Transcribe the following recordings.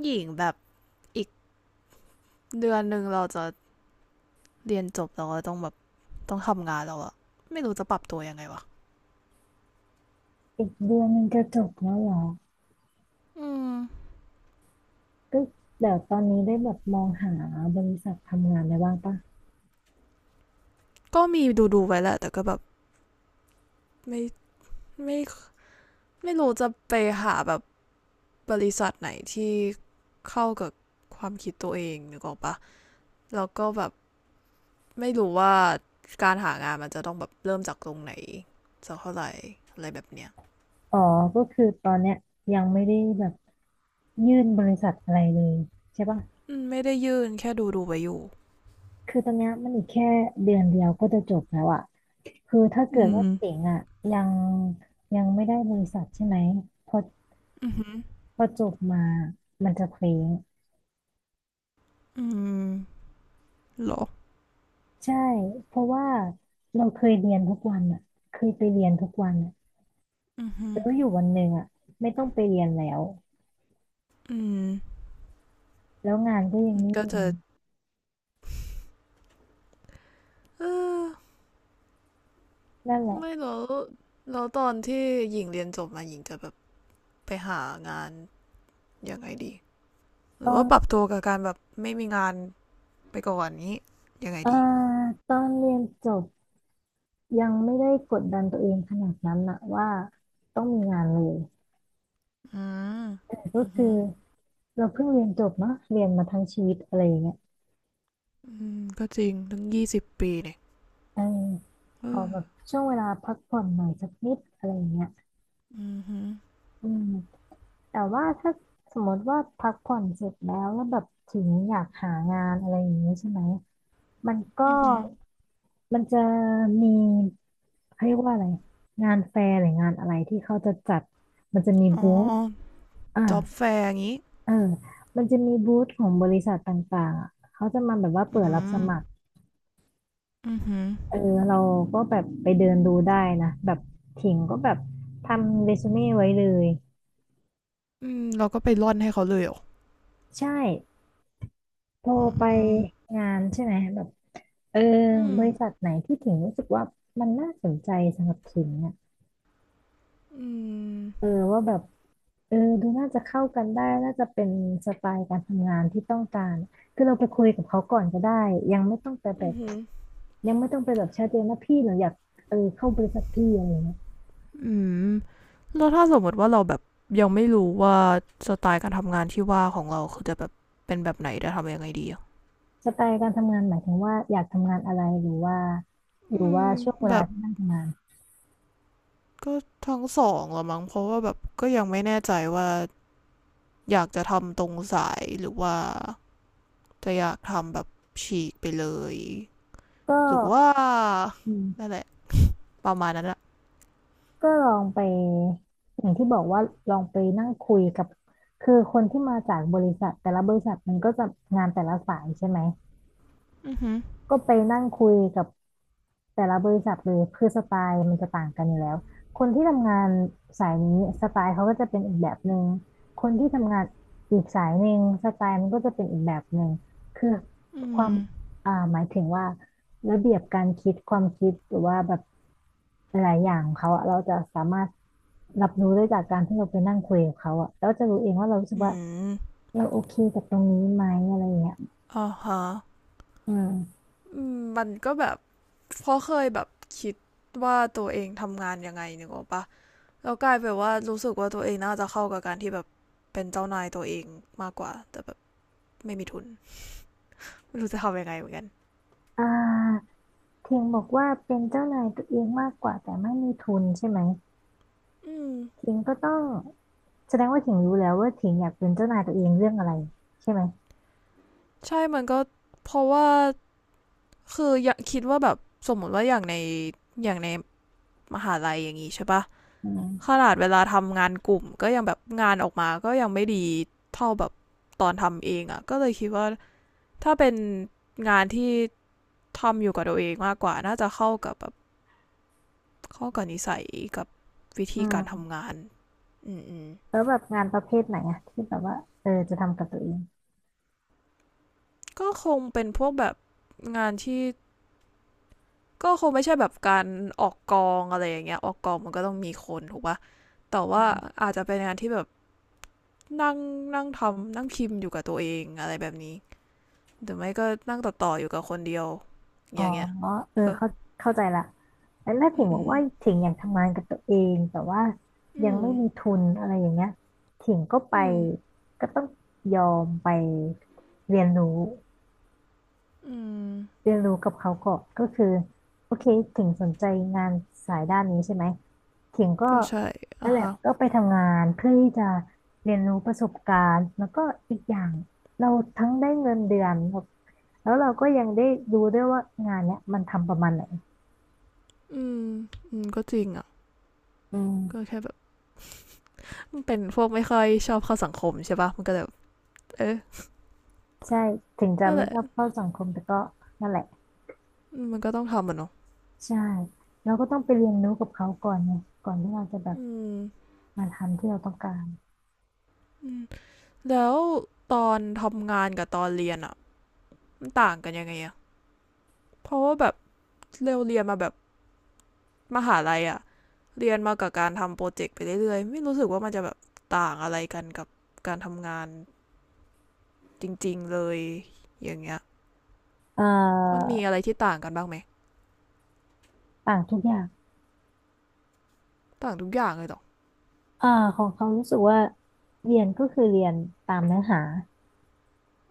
หญิงแบบอีกเดือนหนึ่งเราจะเรียนจบแล้วก็ต้องแบบต้องทำงานแล้วอะไม่รู้จะปรับตัวยังไงวะอีกเดือนมันจะจบแล้วเหรอ อืม ก็เดี๋ยวตอนนี้ได้แบบมองหาบริษัททำงานอะไรบ้างปะก็มีดูดูไว้แหละแต่ก็แบบไม่ไม่ไม่รู้จะไปหาแบบบริษัทไหนที่เข้ากับความคิดตัวเองนึกออกปะแล้วก็แบบไม่รู้ว่าการหางานมันจะต้องแบบเริ่มจากตรงไหนสักเท่าไหร่อะไรแบบเนี้ยอ๋อก็คือตอนเนี้ยยังไม่ได้แบบยื่นบริษัทอะไรเลยใช่ปะอืมไม่ได้ยื่นแค่ดูดูไว้อยู่คือตอนเนี้ยมันอีกแค่เดือนเดียวก็จะจบแล้วอะคือถ้าเกิอืดว่ามเจ๋งอะยังยังไม่ได้บริษัทใช่ไหมพออือหือพอจบมามันจะเคว้งอืมเหรอใช่เพราะว่าเราเคยเรียนทุกวันอะเคยไปเรียนทุกวันอะอือหือแล้วอยู่วันหนึ่งอะไม่ต้องไปเรียนแล้ว อืม แล้วงานก็ยังไม่ก็มีจะเออนั่นแหละไม่แล้วแล้วตอนที่หญิงเรียนจบมาหญิงจะแบบไปหางานยังไงดีหตรืออนว่าปรับตัวกับการแบบไม่มีงานไปก่อนนี้ยังไงเอ่อดีตอนเรียนจบยังไม่ได้กดดันตัวเองขนาดนั้นนะว่าต้องมีงานเลยอืมก็อือืคืออเราเพิ่งเรียนจบเนาะเรียนมาทั้งชีวิตอะไรอย่างเงี้ยืมก็จริงตั้ง20 ปีเนี่ยเออขอแบบเออช่วงเวลาพักผ่อนหน่อยสักนิดอะไรอย่างเงี้ยอือืออืมแต่ว่าถ้าสมมติว่าพักผ่อนเสร็จแล้วแล้วแบบถึงอยากหางานอะไรอย่างเงี้ยใช่ไหมมันก็อือมันจะมี เขาเรียกว่าอะไรงานแฟร์หรืองานอะไรที่เขาจะจัดมันจะมีฮึอ๋อบูธอ่าจ็อบแฟร์อย่างงี้เออมันจะมีบูธของบริษัทต่างๆอ่ะเขาจะมาแบบว่าอืเปิดรับสมัครมอือฮึอเออเราก็แบบไปเดินดูได้นะแบบถิงก็แบบทำเรซูเม่ไว้เลยืมเราก็ไปร่อนให้เขาเลยเหรอใช่พออืไปมงานใช่ไหมแบบเอออืบมริษัทไหนที่ถิงรู้สึกว่ามันน่าสนใจสำหรับถิงอ่ะอืมเออว่าแบบ เออดูน่าจะเข้ากันได้น่าจะเป็นสไตล์การทำงานที่ต้องการคือเราไปคุยกับเขาก่อนก็ได้ยังไม่ต้องไปแบอือบฮึ ยังไม่ต้องไปแบบชัดเจนนะพี่หนูอยากเออเข้าบริษัทพี่อะไรเงี้ยอืมแล้วถ้าสมมติว่าเราแบบยังไม่รู้ว่าสไตล์การทำงานที่ว่าของเราคือจะแบบเป็นแบบไหนจะทำยังไงดีอะสไตล์การทำงานหมายถึงว่าอยากทำงานอะไรหรือว่าหอืรือว่ามช่วงเวแบลาบที่นั่งทำงานก็ทั้งสองละมั้งเพราะว่าแบบก็ยังไม่แน่ใจว่าอยากจะทำตรงสายหรือว่าจะอยากทำแบบฉีกไปเลยก็หรือว่าอืนั่มนแหละประมาณนั้นอะก็ลองไปอย่างที่บอกว่าลองไปนั่งคุยกับคือคนที่มาจากบริษัทแต่ละบริษัทมันก็จะงานแต่ละสายใช่ไหม อือหือก็ไปนั่งคุยกับแต่ละบริษัทเลยคือสไตล์มันจะต่างกันอยู่แล้ว คนที่ทำงานสายนี้สไตล์เขาก็จะเป็นอีกแบบหนึ่งคนที่ทำงานอีกสายหนึ่งสไตล์มันก็จะเป็นอีกแบบหนึ่งคืออืความมหมายถึงว่าระเบียบการคิดความคิดหรือว่าแบบหลายๆอย่างของเขาอะเราจะสามารถรับรู้ได้จากการที่เราไปนั่งคุยกับเขาอะแล้วจะรู้เองว่าเรารู้สึกอืว่ามเราโอเคกับตรงนี้ไหมอะไรอย่างเงี้ยอ่าฮะอืมอืมมันก็แบบเพราะเคยแบบคิดว่าตัวเองทำงานยังไงนึกออกปะ แล้วกลายเป็นว่ารู้สึกว่าตัวเองน่าจะเข้ากับการที่แบบเป็นเจ้านายตัวเองมากกว่าแต่แบบไม่มีทุนไม่รู้จะทำยังไงเหมือนกันอ่า เพียงบอกว่าเป็นเจ้านายตัวเองมากกว่าแต่ไม่มีทุนใช่ไหมอืมถิงก็ต้องแสดงว่าถิงรู้แล้วว่าถิงอยากเป็นเจ้านายตัวเองเรื่องอะไรใช่ไหมใช่มันก็เพราะว่าคืออยากคิดว่าแบบสมมติว่าอย่างในอย่างในมหาลัยอย่างนี้ใช่ปะอืขมนาดเวลาทำงานกลุ่มก็ยังแบบงานออกมาก็ยังไม่ดีเท่าแบบตอนทำเองอ่ะก็เลยคิดว่าถ้าเป็นงานที่ทำอยู่กับตัวเองมากกว่าน่าจะเข้ากับแบบเข้ากับนิสัยกับวิธีอาการทำงานอืม แล้วแบบงานประเภทไหนอะที่แบบว่าเออจะทำกับตัวเองก็คงเป็นพวกแบบงานที่ก็คงไม่ใช่แบบการออกกองอะไรอย่างเงี้ยออกกองมันก็ต้องมีคนถูกปะแต่ว่าอาจจะเป็นงานที่แบบนั่งนั่งทำนั่งพิมพ์อยู่กับตัวเองอะไรแบบนี้หรือไม่ก็นั่งต่ออยู่กับคนเดียวอ๋ออย่างเงี้ยเออเออเข้าใจละแล้วถ้าถิอืงบอกมว่าถิงอยากทำงานกับตัวเองแต่ว่ายัอืงมไม่มีทุนอะไรอย่างเงี้ยถิงก็ไปอืมอืมก็ต้องยอมไปเรียนรู้ เรียนรู้กับเขาก่อนก็คือโอเคถึงสนใจงานสายด้านนี้ใช่ไหมถึงก็ก็ใช่นั่อ่ะนแหละฮะก็ไปทำงานเพื่อที่จะเรียนรู้ประสบการณ์แล้วก็อีกอย่างเราทั้งได้เงินเดือนแล้วแล้วเราก็ยังได้ดูด้วยว่างานเนี้ยมันทำประมาณไหนอืมอืมก็จริงอ่ะอืก็มแค่แบบมันเป็นพวกไม่ค่อยชอบเข้าสังคมใช่ปะมันก็แบบเอะใช่ถึงจะนั่นแหไม่ละชอบเข้าสังคมแต่ก็นั่นแหละมันก็ต้องทำมันเนาะใช่เราก็ต้องไปเรียนรู้กับเขาก่อนไงก่อนที่เราจะแบบอืมมาทำที่เราต้องการอืม แล้วตอนทำงานกับตอนเรียนอ่ะมันต่างกันยังไงอ่ะเพราะว่าแบบเร็วเรียนมาแบบมหาลัยอ่ะเรียนมากับการทำโปรเจกต์ไปเรื่อยๆไม่รู้สึกว่ามันจะแบบต่างอะไรกันกับการทำงานจริงๆเลยอย่างเงี้ยเอ่มันอมีอะไรที่ต่างกันบ้างไหมต่าทุกอย่าง ต่างทุกอย่างเลยหรอเอ่อของเขารู้สึกว่าเรียนก็คือเรียนตามเนื้อหา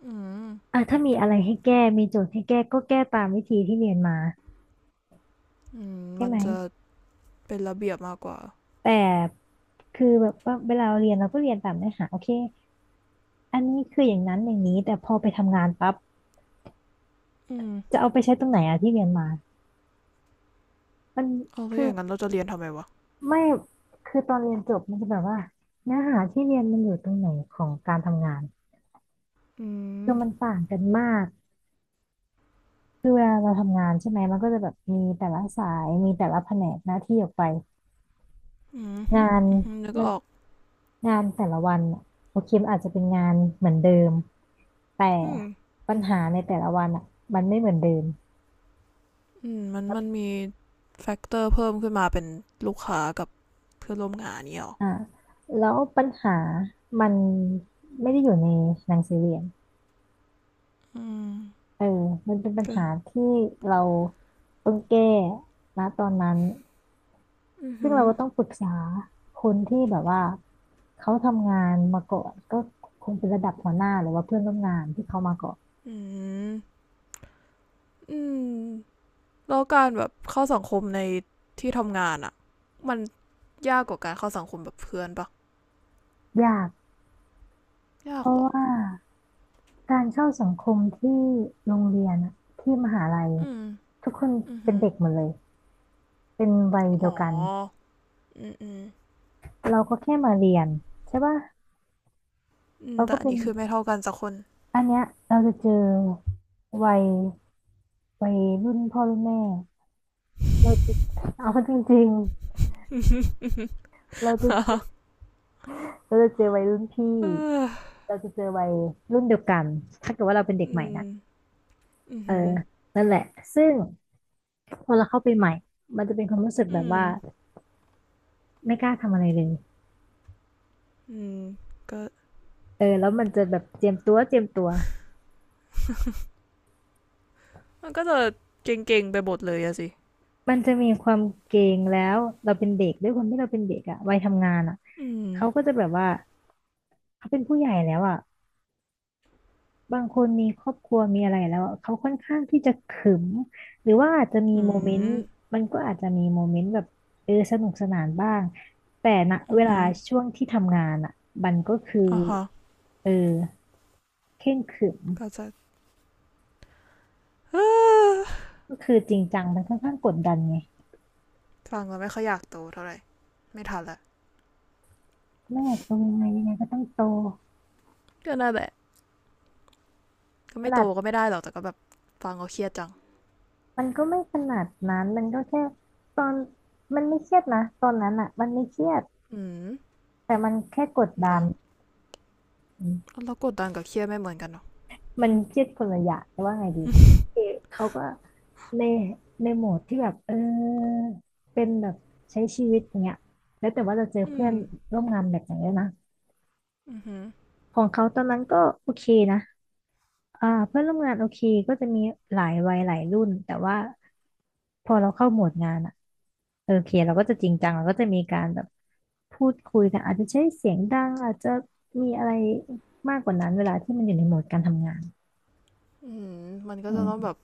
อืมอ่ะถ้ามีอะไรให้แก้มีโจทย์ให้แก้ก็แก้ตามวิธีที่เรียนมาอืมใช่มันไหมจะเป็นระเบียบมากกว่าแต่คือแบบว่าเวลาเราเรียนเราก็เรียนตามเนื้อหาโอเคอันนี้คืออย่างนั้นอย่างนี้แต่พอไปทำงานปั๊บอืมจะเอาไปใช้ตรงไหนอะที่เรียนมามันเอาแล้วคืออย่างนั้นเราจะเรียนทำไมวะไม่คือตอนเรียนจบมันจะแบบว่าเนื้อหาที่เรียนมันอยู่ตรงไหนของการทำงานอืมคือมันต่างกันมากคือเวลาเราทำงานใช่ไหมมันก็จะแบบมีแต่ละสายมีแต่ละแผนกหน้าที่ออกไป อืมงานอืมนึกมัอนอกงานแต่ละวันอะโอเคมันอาจจะเป็นงานเหมือนเดิมแต่อืม ปัญหาในแต่ละวันอ่ะมันไม่เหมือนเดิมอืมมันแลมีแฟกเตอร์เพิ่มขึ้นมาเป็นลูกค้ากับเพื่อนร่วมงานเนี่ยหรออ่าแล้วปัญหามันไม่ได้อยู่ในหนังสือเรียนอืมเออมันเป็นปัญก็หาที่เราต้องแก้นะตอนนั้นอือซึ่หืงอเราก็ต้องปรึกษาคนที่แบบว่าเขาทำงานมาก่อนก็คงเป็นระดับหัวหน้าหรือว่าเพื่อนร่วมงานที่เขามาก่อนอืมอืมแล้วการแบบเข้าสังคมในที่ทำงานอะมันยากกว่าการเข้าสังคมแบบเพื่อนปะ ยากเพยากราะเหรอว่า การเข้าสังคมที่โรงเรียนอะที่มหาลัยอืมทุกคนอือเป็นหือเด็กหมดเลยเป็นวัยเดีอ๋ยอวกันอืมอืมเราก็แค่มาเรียนใช่ป่ะอืมเราแต่ก็อันเป็นนี้คือไม่เท่ากันสักคน อันเนี้ยเราจะเจอวัยวัยรุ่นพ่อรุ่นแม่เราจะเอาจริงๆเราจะเจอวัยรุ่นพี่เออเราจะเจอวัยรุ่นเดียวกันถ้าเกิดว่าเราเป็นเด็กอืใหม่มนะอือเออหือนั่นแหละซึ่งพอเราเข้าไปใหม่มันจะเป็นความรู้สึกแบอืบมว่าไม่กล้าทำอะไรเลย อืมก็เออแล้วมันจะแบบเจียมตัวเจียมตัวมันก็จะเก่งๆไปหมดเลยอะสิ มันจะมีความเกรงแล้วเราเป็นเด็กด้วยความที่เราเป็นเด็กอะวัยทำงานอะอืมเขาก็จะแบบว่าเขาเป็นผู้ใหญ่แล้วอะบางคนมีครอบครัวมีอะไรแล้วอะเขาค่อนข้างที่จะขรึมหรือว่าอาจจะมีอืโมเมนต์มมันก็อาจจะมีโมเมนต์แบบเออสนุกสนานบ้างแต่ณอืเวอลาฮึช่วงที่ทำงานอะมันก็คืออ่าฮะเออเคร่งขรึมก็จะ อ้าก็คือจริงจังมันค่อนข้างกดดันไงฟังแล้วไม่ค่อยอยากโตเท่าไหร่ ไม่ทันละแม่โตยังไงยังไงก็ต้องโตก็น่าแหละก็ตไม่โตลาด ก็ไม่ได้หรอก แต่ก็แบบฟังก็เครียดจังมันก็ไม่ขนาดนั้น มันก็แค่ตอนมันไม่เครียดนะตอนนั้นอ่ะมันไม่เครียดอืมแต่มันแค่กดเหรดันอมแล้วกดดันกับเครียดไม่เหมือนกันเนาะมันเครียดคนละอย่างแต่ว่าไงดีคือเขาก็ในในโหมดที่แบบเออเป็นแบบใช้ชีวิตอย่างเงี้ยแล้วแต่ว่าจะเจออืเพื่อมนร่วมงานแบบไหนด้วยนะอือฮึของเขาตอนนั้นก็โอเคนะอ่าเพื่อนร่วมงานโอเคก็จะมีหลายวัยหลายรุ่นแต่ว่า พอเราเข้าโหมดงานอะเออโอเคเราก็จะจริงจังเราก็จะมีการแบบพูดคุยกันอาจจะใช้เสียงดังอาจจะมีอะไรมากกว่านั้นเวลาที่มันอยู่ในโหมดการทำงานอืมมันก็จะอืต้องมแบบ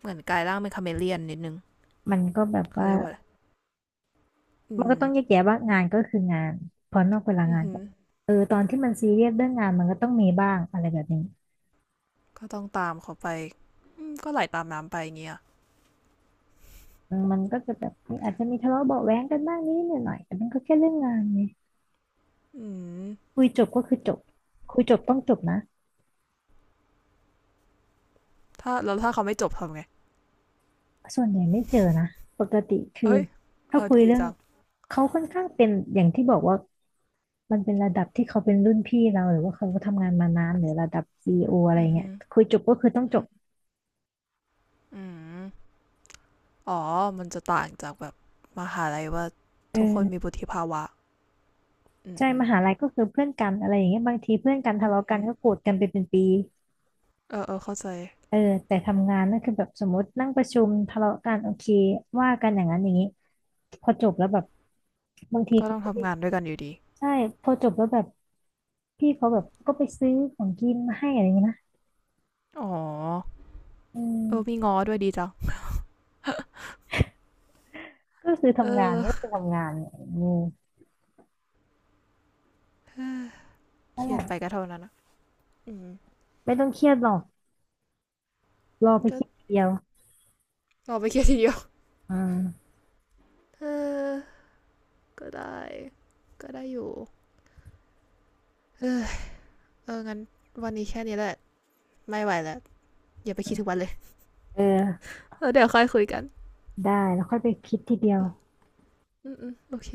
เหมือนกลายร่างเป็นคาเมเลียนนิดนึงมันก็แบบเขาว่าเรียกว่าอะไรอืมันก็มต้องแยกแยะว่างานก็คืองานพอนอกเวลาอืองานฮึก็เออตอนที่มันซีเรียสเรื่องงานมันก็ต้องมีบ้างอะไรแบบนี้ก็ต้องตามเขาไปอืมก็ไหลตามน้ำไปอย่างเงี้ยอืมมันก็จะแบบมีอาจจะมีทะเลาะเบาะแว้งกันบ้างนิดหน่อยแต่มันก็แค่เรื่องงานไงอืมคุยจบก็คือจบคุยจบต้องจบนะถ้าแล้วถ้าเขาไม่จบทำไงส่วนใหญ่ไม่เจอนะปกติคือเฮ้ยเอถ้าอคุยดีเรื่อง จังเขาค่อนข้างเป็นอย่างที่บอกว่ามันเป็นระดับที่เขาเป็นรุ่นพี่เราหรือว่าเขาก็ทำงานมานานหรือระดับซีอีโออะไรอือเงี้ฮึยคุยจบก็คือต้องจอื บอืมอ๋อมันจะต่างจากแบบมหาลัยว่าเทุกคนมีออวุฒิภาวะอืมใช่อืมมหาลัยก็คือเพื่อนกันอะไรอย่างเงี้ยบางทีเพื่อนกันอืทะมเลาะอืกัมนก็โกรธกันไปเป็นปีเออ เออ เข้าใจ เออแต่ทำงานนั่นคือแบบสมมตินั่งประชุมทะเลาะกันโอเคว่ากันอย่างนั้นอย่างนี้พอจบแล้วแบบบางทีก็เขาต้องก็ไปทำงานด้วยกันอยู่ดี ใช่พอจบแล้วแบบพี่เขาแบบก็ไปซื้อของกินมาให้อะไรอย่างเงี้ยนะอ๋อ อืมเออมีง้อด้วยดีจังก็คือเอทำงานอ ก็คือทำงานเนี่ยอืมเคนั่นรีแหยดละไปก็เท่านั้นอะอืมไม่ต้องเครียดหรอก รอไปก็คิดทีเดียวรอไปเครียดทีเดียว อ่า เออ ก็ได้ ก็ได้อยู่เออเอองั้นวันนี้แค่นี้แหละ ไม่ไหวแล้วอย่าไปคิดถึงวันเลยเออเออเดี๋ยวค่อยคุยกันได้แล้วค่อยไปคิดทีเดียวอืมอืมโอเค